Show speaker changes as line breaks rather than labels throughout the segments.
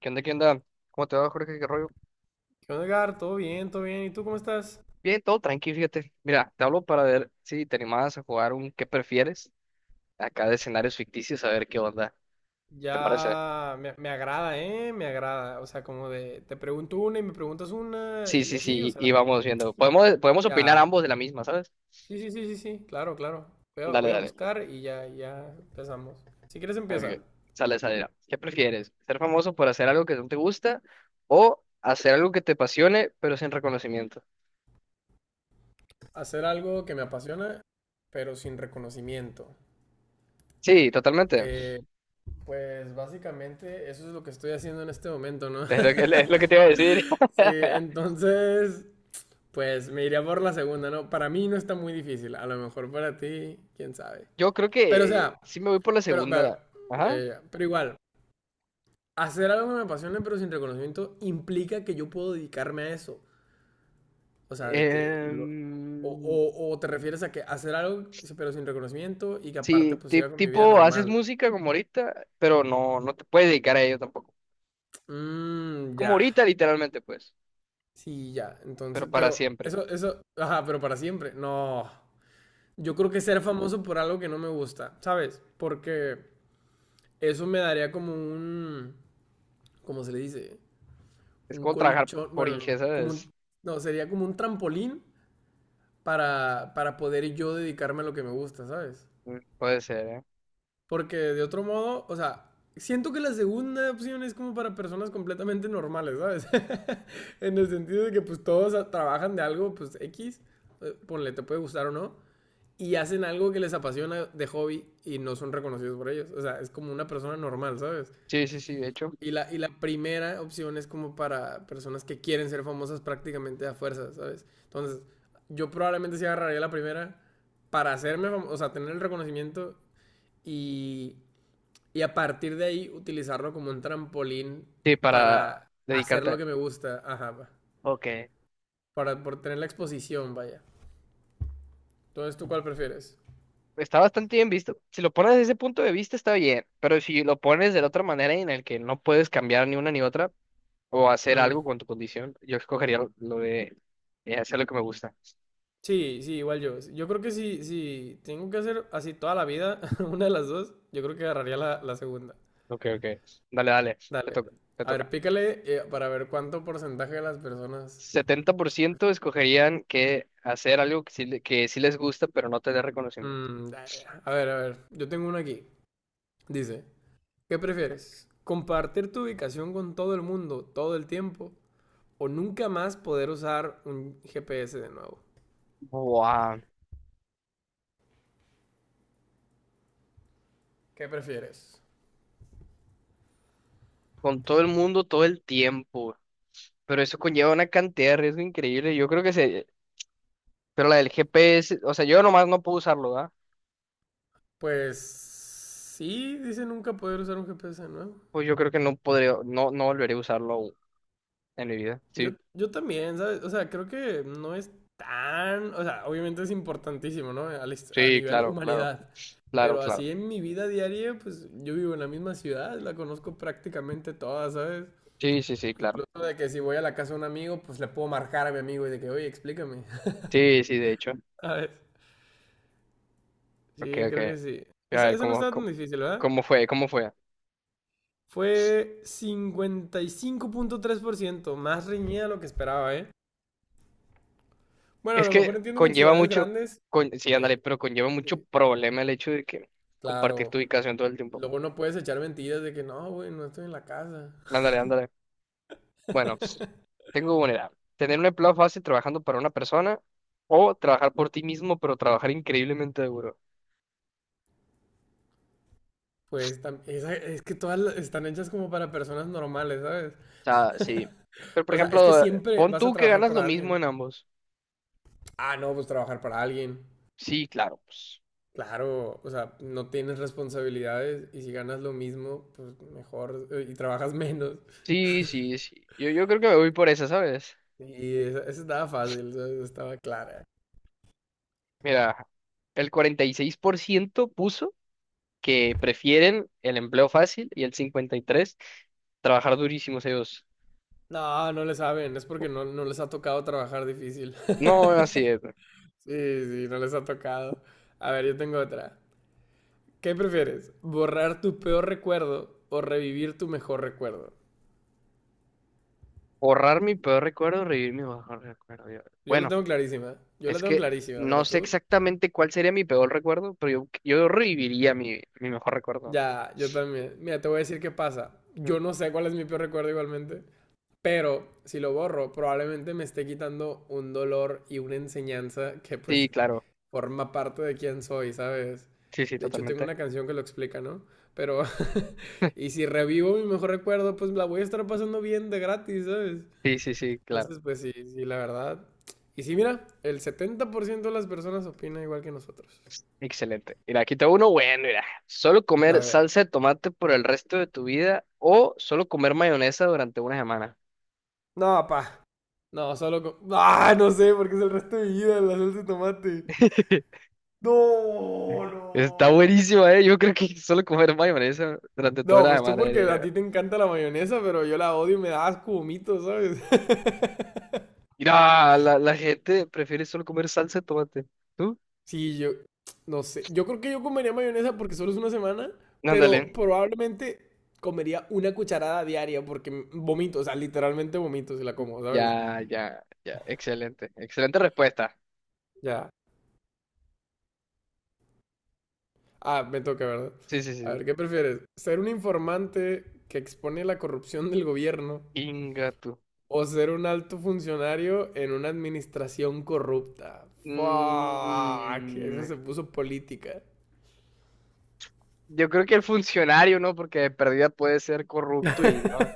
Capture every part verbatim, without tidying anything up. ¿Qué onda, qué onda? ¿Cómo te va, Jorge? ¿Qué rollo?
¿Qué onda, Edgar? ¿Todo bien? ¿Todo bien? ¿Y tú cómo estás?
Bien, todo tranquilo, fíjate. Mira, te hablo para ver si te animabas a jugar un ¿qué prefieres? Acá de escenarios ficticios, a ver qué onda. ¿Te parece?
Ya me, me agrada, ¿eh? Me agrada. O sea, como de te pregunto una y me preguntas una
Sí,
y
sí,
así, o
sí, y y
sea,
vamos viendo. Podemos, podemos opinar
ya.
ambos de la misma, ¿sabes?
Sí, sí, sí, sí, sí, claro, claro. Voy a,
Dale,
voy a
dale.
buscar y ya, ya empezamos. Si quieres empieza.
Ok. Sale, sale. Ya. ¿Qué prefieres? ¿Ser famoso por hacer algo que no te gusta o hacer algo que te apasione, pero sin reconocimiento?
Hacer algo que me apasiona, pero sin reconocimiento.
Sí, totalmente.
Eh, pues básicamente eso es lo que estoy haciendo en este momento, ¿no?
Es lo que, es lo que te iba a decir.
Sí, entonces, pues me iría por la segunda, ¿no? Para mí no está muy difícil. A lo mejor para ti, quién sabe.
Yo creo
Pero, o
que
sea,
sí me voy por la
pero,
segunda.
pero,
la-
ya,
Ajá.
ya, ya. Pero igual, hacer algo que me apasione pero sin reconocimiento implica que yo puedo dedicarme a eso. O sea, de que lo. O,
Em,
o- o te refieres a que hacer algo pero sin reconocimiento y que aparte
sí,
pues
ti-
siga con mi vida
tipo, haces
normal.
música como ahorita, pero no, no te puedes dedicar a ello tampoco.
Mmm,
Como
ya.
ahorita, literalmente, pues,
Sí, ya.
pero
Entonces,
para
pero
siempre.
eso, eso, ajá, pero para siempre. No. Yo creo que ser famoso por algo que no me gusta, ¿sabes? Porque eso me daría como un, ¿cómo se le dice?
Es
Un
como trabajar
colchón,
por
bueno, no,
ingesa,
como
es,
un, no, sería como un trampolín para, para poder yo dedicarme a lo que me gusta, ¿sabes?
mm, puede ser, ¿eh?
Porque de otro modo, o sea, siento que la segunda opción es como para personas completamente normales, ¿sabes? En el sentido de que pues todos a- trabajan de algo, pues X, eh, ponle, te puede gustar o no, y hacen algo que les apasiona de hobby y no son reconocidos por ellos. O sea, es como una persona normal, ¿sabes?
Sí, sí, sí, de hecho.
Y la, y la primera opción es como para personas que quieren ser famosas prácticamente a fuerza, ¿sabes? Entonces, yo probablemente sí agarraría la primera para hacerme famoso, o sea, tener el reconocimiento y, y a partir de ahí utilizarlo como un trampolín
Sí, para
para hacer
dedicarte
lo
a...
que me gusta, ajá,
Ok.
para, por tener la exposición, vaya. Entonces, ¿tú cuál prefieres?
Está bastante bien visto. Si lo pones desde ese punto de vista, está bien, pero si lo pones de la otra manera en el que no puedes cambiar ni una ni otra o hacer
Mm.
algo con tu condición, yo escogería lo lo de eh, hacer lo que me gusta.
Sí, sí, igual yo. Yo creo que si, si tengo que hacer así toda la vida, una de las dos, yo creo que agarraría la, la segunda.
Ok, ok. Dale, dale. Te
Dale.
toca, te
A ver,
toca.
pícale, eh, para ver cuánto porcentaje de las personas.
Setenta por ciento escogerían que hacer algo que sí, le- que sí les gusta, pero no tener reconocimiento.
Mm, da- a ver, a ver. Yo tengo uno aquí. Dice: ¿Qué prefieres? ¿Compartir tu ubicación con todo el mundo todo el tiempo? ¿O nunca más poder usar un G P S de nuevo?
Buah.
¿Qué prefieres?
Con todo el mundo, todo el tiempo. Pero eso conlleva una cantidad de riesgo increíble. Yo creo que se... Pero la del G P S, o sea, yo nomás no puedo usarlo, ¿verdad?
Pues. Sí, dice nunca poder usar un G P S de nuevo.
Pues yo creo que no podría, no, no volveré a usarlo aún en mi vida.
Yo,
Sí,
yo también, ¿sabes? O sea, creo que no es tan, o sea, obviamente es importantísimo, ¿no? Al est- A,
sí,
nivel
claro, claro,
humanidad.
claro,
Pero
claro.
así en mi vida diaria, pues yo vivo en la misma ciudad, la conozco prácticamente toda, ¿sabes?
Sí, sí, sí, claro.
Incluso de que si voy a la casa de un amigo, pues le puedo marcar a mi amigo y de que, oye, explícame,
Sí, sí, de hecho.
¿sabes?
Ok,
Sí,
ok.
creo que sí.
A
Esa,
ver,
esa no
¿cómo,
estaba tan
cómo,
difícil, ¿verdad?
cómo fue? ¿Cómo fue?
Fue cincuenta y cinco punto tres por ciento más reñida de lo que esperaba, ¿eh? Bueno, a
Es
lo
que
mejor entiendo que en
conlleva
ciudades
mucho,
grandes,
con, sí,
eh,
ándale, pero conlleva mucho
sí,
problema el hecho de que compartir tu
claro.
ubicación todo el tiempo.
Luego no puedes echar mentiras de que no, güey, no estoy en la casa.
Ándale, ándale. Bueno, tengo una edad. Tener un empleo fácil trabajando para una persona o trabajar por ti mismo, pero trabajar increíblemente duro. O
Pues tam- esa- es que todas la- están hechas como para personas normales, ¿sabes?
sea, sí. Pero, por
O sea, es que
ejemplo, eh,
siempre
pon
vas a
tú que
trabajar
ganas lo
para
mismo
alguien.
en ambos.
Ah, no, pues trabajar para alguien.
Sí, claro, pues.
Claro, o sea, no tienes responsabilidades y si ganas lo mismo, pues mejor, eh, y trabajas menos.
Sí, sí, sí. Yo, yo creo que me voy por esa, ¿sabes?
Y esa, esa estaba fácil, ¿sabes? Estaba clara.
Mira, el cuarenta y seis por ciento puso que prefieren el empleo fácil y el cincuenta y tres trabajar durísimos ellos.
No, no le saben, es porque no, no les ha tocado trabajar difícil.
No, así es.
Sí, sí, no les ha tocado. A ver, yo tengo otra. ¿Qué prefieres? ¿Borrar tu peor recuerdo o revivir tu mejor recuerdo?
Borrar mi peor recuerdo, revivir mi mejor recuerdo. Yo-
Yo la
Bueno,
tengo clarísima. Yo la
es
tengo
que
clarísima,
no
pero
sé
tú.
exactamente cuál sería mi peor recuerdo, pero yo, yo reviviría mi, mi mejor recuerdo.
Ya, yo también. Mira, te voy a decir qué pasa. Yo no sé cuál es mi peor recuerdo igualmente. Pero si lo borro, probablemente me esté quitando un dolor y una enseñanza que
Sí,
pues
claro.
forma parte de quién soy, ¿sabes?
Sí, sí,
De hecho, tengo
totalmente.
una canción que lo explica, ¿no? Pero, y si revivo mi mejor recuerdo, pues la voy a estar pasando bien de gratis, ¿sabes?
Sí, sí, sí, claro.
Entonces, pues sí, sí, la verdad. Y sí, mira, el setenta por ciento de las personas opina igual que nosotros.
Excelente. Mira, aquí tengo uno bueno, mira. Solo
A
comer
ver.
salsa de tomate por el resto de tu vida o solo comer mayonesa durante una semana.
No, pa. No, solo con. Ah, no sé, porque es el resto de mi vida la salsa de tomate. No,
Está
no.
buenísima, ¿eh? Yo creo que solo comer mayonesa durante toda
No,
la
pues tú
semana,
porque
diría
a
yo.
ti te encanta la mayonesa, pero yo la odio y me da asco, vomito, ¿sabes?
Mira, la, la gente prefiere solo comer salsa de tomate. ¿Tú?
Sí, yo no sé. Yo creo que yo comería mayonesa porque solo es una semana,
Ándale.
pero probablemente comería una cucharada diaria porque m- vomito, o sea, literalmente vomito si la como, ¿sabes?
Ya, ya, ya. Excelente. Excelente respuesta.
Ya. Ah, me toca, ¿verdad?
Sí, sí,
A
sí.
ver, ¿qué prefieres? ¿Ser un informante que expone la corrupción del gobierno
Inga tú.
o ser un alto funcionario en una administración corrupta? Fuck, esa
Mm,
se puso política.
yo creo que el funcionario, ¿no? Porque de perdida puede ser corrupto y no.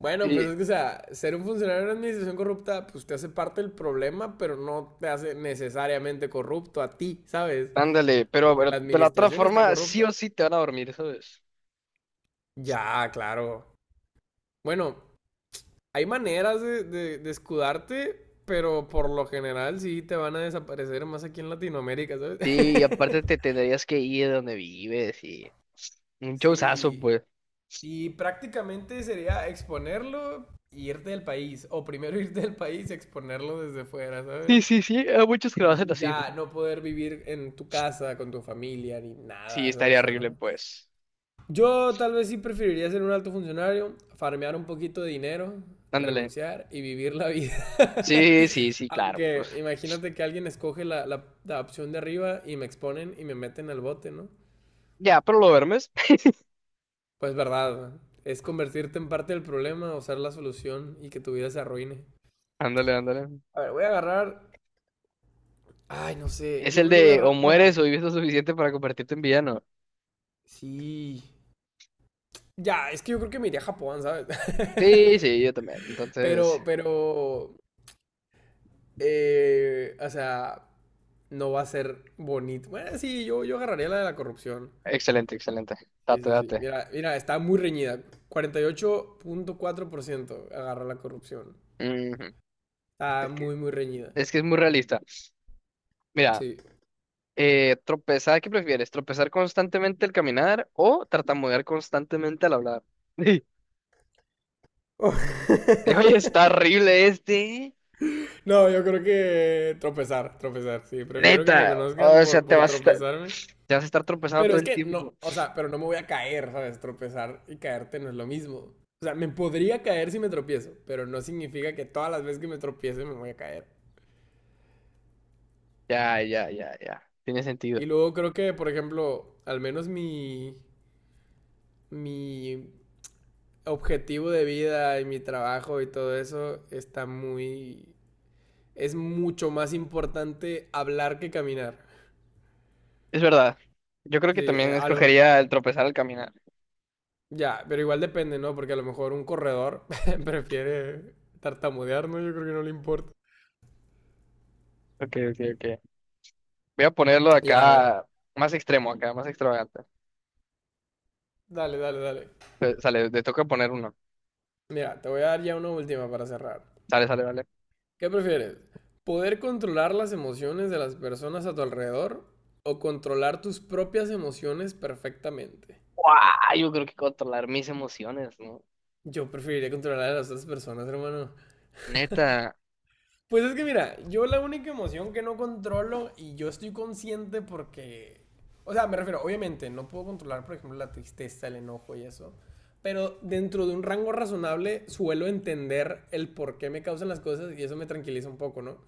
Bueno, pues
Y
es que, o sea, ser un funcionario en una administración corrupta, pues te hace parte del problema, pero no te hace necesariamente corrupto a ti, ¿sabes?
ándale, pero,
Porque la
pero de la otra
administración está
forma, sí
corrupta.
o sí te van a dormir, ¿sabes?
Ya, claro. Bueno, hay maneras de, de, de escudarte, pero por lo general sí te van a desaparecer más aquí en Latinoamérica, ¿sabes?
Sí, y aparte te tendrías que ir de donde vives y un showzazo,
Sí.
pues.
Y prácticamente sería exponerlo y irte del país. O primero irte del país y exponerlo desde fuera, ¿sabes?
Sí, sí, sí, hay muchos que lo hacen
Y, y
así.
ya no poder vivir en tu casa, con tu familia, ni
Sí,
nada,
estaría
¿sabes? ¿O
horrible,
no?
pues.
Yo tal vez sí preferiría ser un alto funcionario, farmear un poquito de dinero,
Ándale.
renunciar y vivir la vida.
Sí, sí, sí, claro, pues.
Aunque imagínate que alguien escoge la, la- la opción de arriba y me exponen y me meten al bote, ¿no?
Ya, pero lo duermes.
Pues verdad, es convertirte en parte del problema o ser la solución y que tu vida se arruine.
Ándale, ándale.
A ver, voy a agarrar. Ay, no sé,
Es
yo
el
creo que voy a
de o
agarrar.
mueres o
No,
vives lo suficiente para convertirte en villano.
sí. Ya, es que yo creo que me iría a Japón, ¿sabes?
Sí, sí, yo también. Entonces,
Pero, pero, eh, o sea, no va a ser bonito. Bueno, sí, yo, yo agarraría la de la corrupción.
excelente, excelente.
Sí,
Date,
sí, sí.
date.
Mira, mira, está muy reñida. Cuarenta y ocho punto cuatro por ciento agarra la corrupción.
Ujú.
Está
Es que,
muy, muy reñida.
es que es muy realista. Mira,
Sí.
eh, tropezar, ¿qué prefieres? ¿Tropezar constantemente al caminar o tartamudear constantemente al hablar? Oye, está horrible este.
No, yo creo que tropezar, tropezar. Sí, prefiero que
Neta,
me conozcan
o sea,
por,
te
por
vas a estar.
tropezarme.
Te vas a estar tropezando
Pero
todo
es
el
que no,
tiempo.
o sea, pero no me voy a caer, ¿sabes? Tropezar y caerte no es lo mismo. O sea, me podría caer si me tropiezo, pero no significa que todas las veces que me tropiece me voy a caer.
Ya, ya, ya, ya. Tiene sentido.
Y luego creo que, por ejemplo, al menos mi, mi objetivo de vida y mi trabajo y todo eso está muy. Es mucho más importante hablar que caminar.
Es verdad. Yo creo
Sí,
que también
eh, a lo,
escogería el tropezar al caminar.
ya, pero igual depende, ¿no? Porque a lo mejor un corredor prefiere tartamudear, ¿no? Yo creo que no le importa.
Ok, ok, ok. Voy a ponerlo
Ya,
acá más extremo, acá más extravagante.
dale, dale, dale.
Eh, Sale, te toca poner uno.
Mira, te voy a dar ya una última para cerrar.
Sale, sale, vale.
¿Qué prefieres? ¿Poder controlar las emociones de las personas a tu alrededor o controlar tus propias emociones perfectamente?
¡Guau! Yo creo que controlar mis emociones, ¿no?
Yo preferiría controlar a las otras personas, hermano.
Neta.
Pues es que mira, yo la única emoción que no controlo y yo estoy consciente porque. O sea, me refiero, obviamente, no puedo controlar, por ejemplo, la tristeza, el enojo y eso. Pero dentro de un rango razonable suelo entender el por qué me causan las cosas y eso me tranquiliza un poco, ¿no?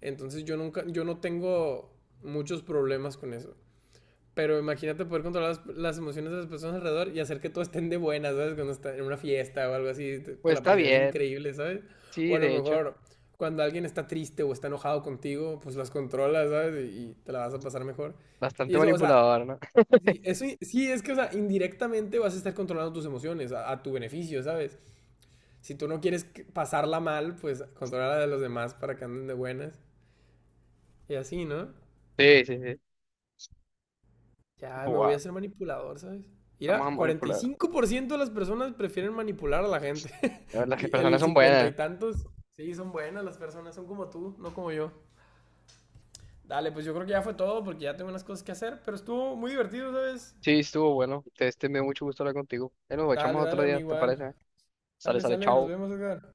Entonces yo nunca, yo no tengo muchos problemas con eso. Pero imagínate poder controlar las, las emociones de las personas alrededor y hacer que todos estén de buenas, ¿sabes? Cuando estás en una fiesta o algo así, te, te
Pues
la
está
pasarías
bien.
increíble, ¿sabes? O
Sí,
a lo
de hecho.
mejor cuando alguien está triste o está enojado contigo, pues las controlas, ¿sabes? Y, y te la vas a pasar mejor. Y
Bastante
eso, o sea,
manipulador, ¿no?
sí, eso, i- sí, es que, o sea, indirectamente vas a estar controlando tus emociones a, a tu beneficio, ¿sabes? Si tú no quieres que- pasarla mal, pues controla la de los demás para que anden de buenas. Y así, ¿no?
Sí, sí, sí.
Ya, me voy a
Wow,
hacer manipulador, ¿sabes?
estamos a
Mira,
manipular.
cuarenta y cinco por ciento de las personas prefieren manipular a la gente.
A ver, las
Y
personas
el
son
cincuenta
buenas.
y tantos, sí, son buenas las personas, son como tú, no como yo. Dale, pues yo creo que ya fue todo porque ya tengo unas cosas que hacer, pero estuvo muy divertido, ¿sabes?
Sí, estuvo bueno. Te, Este me dio mucho gusto hablar contigo. Ahí nos
Dale,
echamos otro
dale, a mí
día, ¿te
igual.
parece? Sale,
Sale,
sale,
sale, nos
chao.
vemos, Edgar.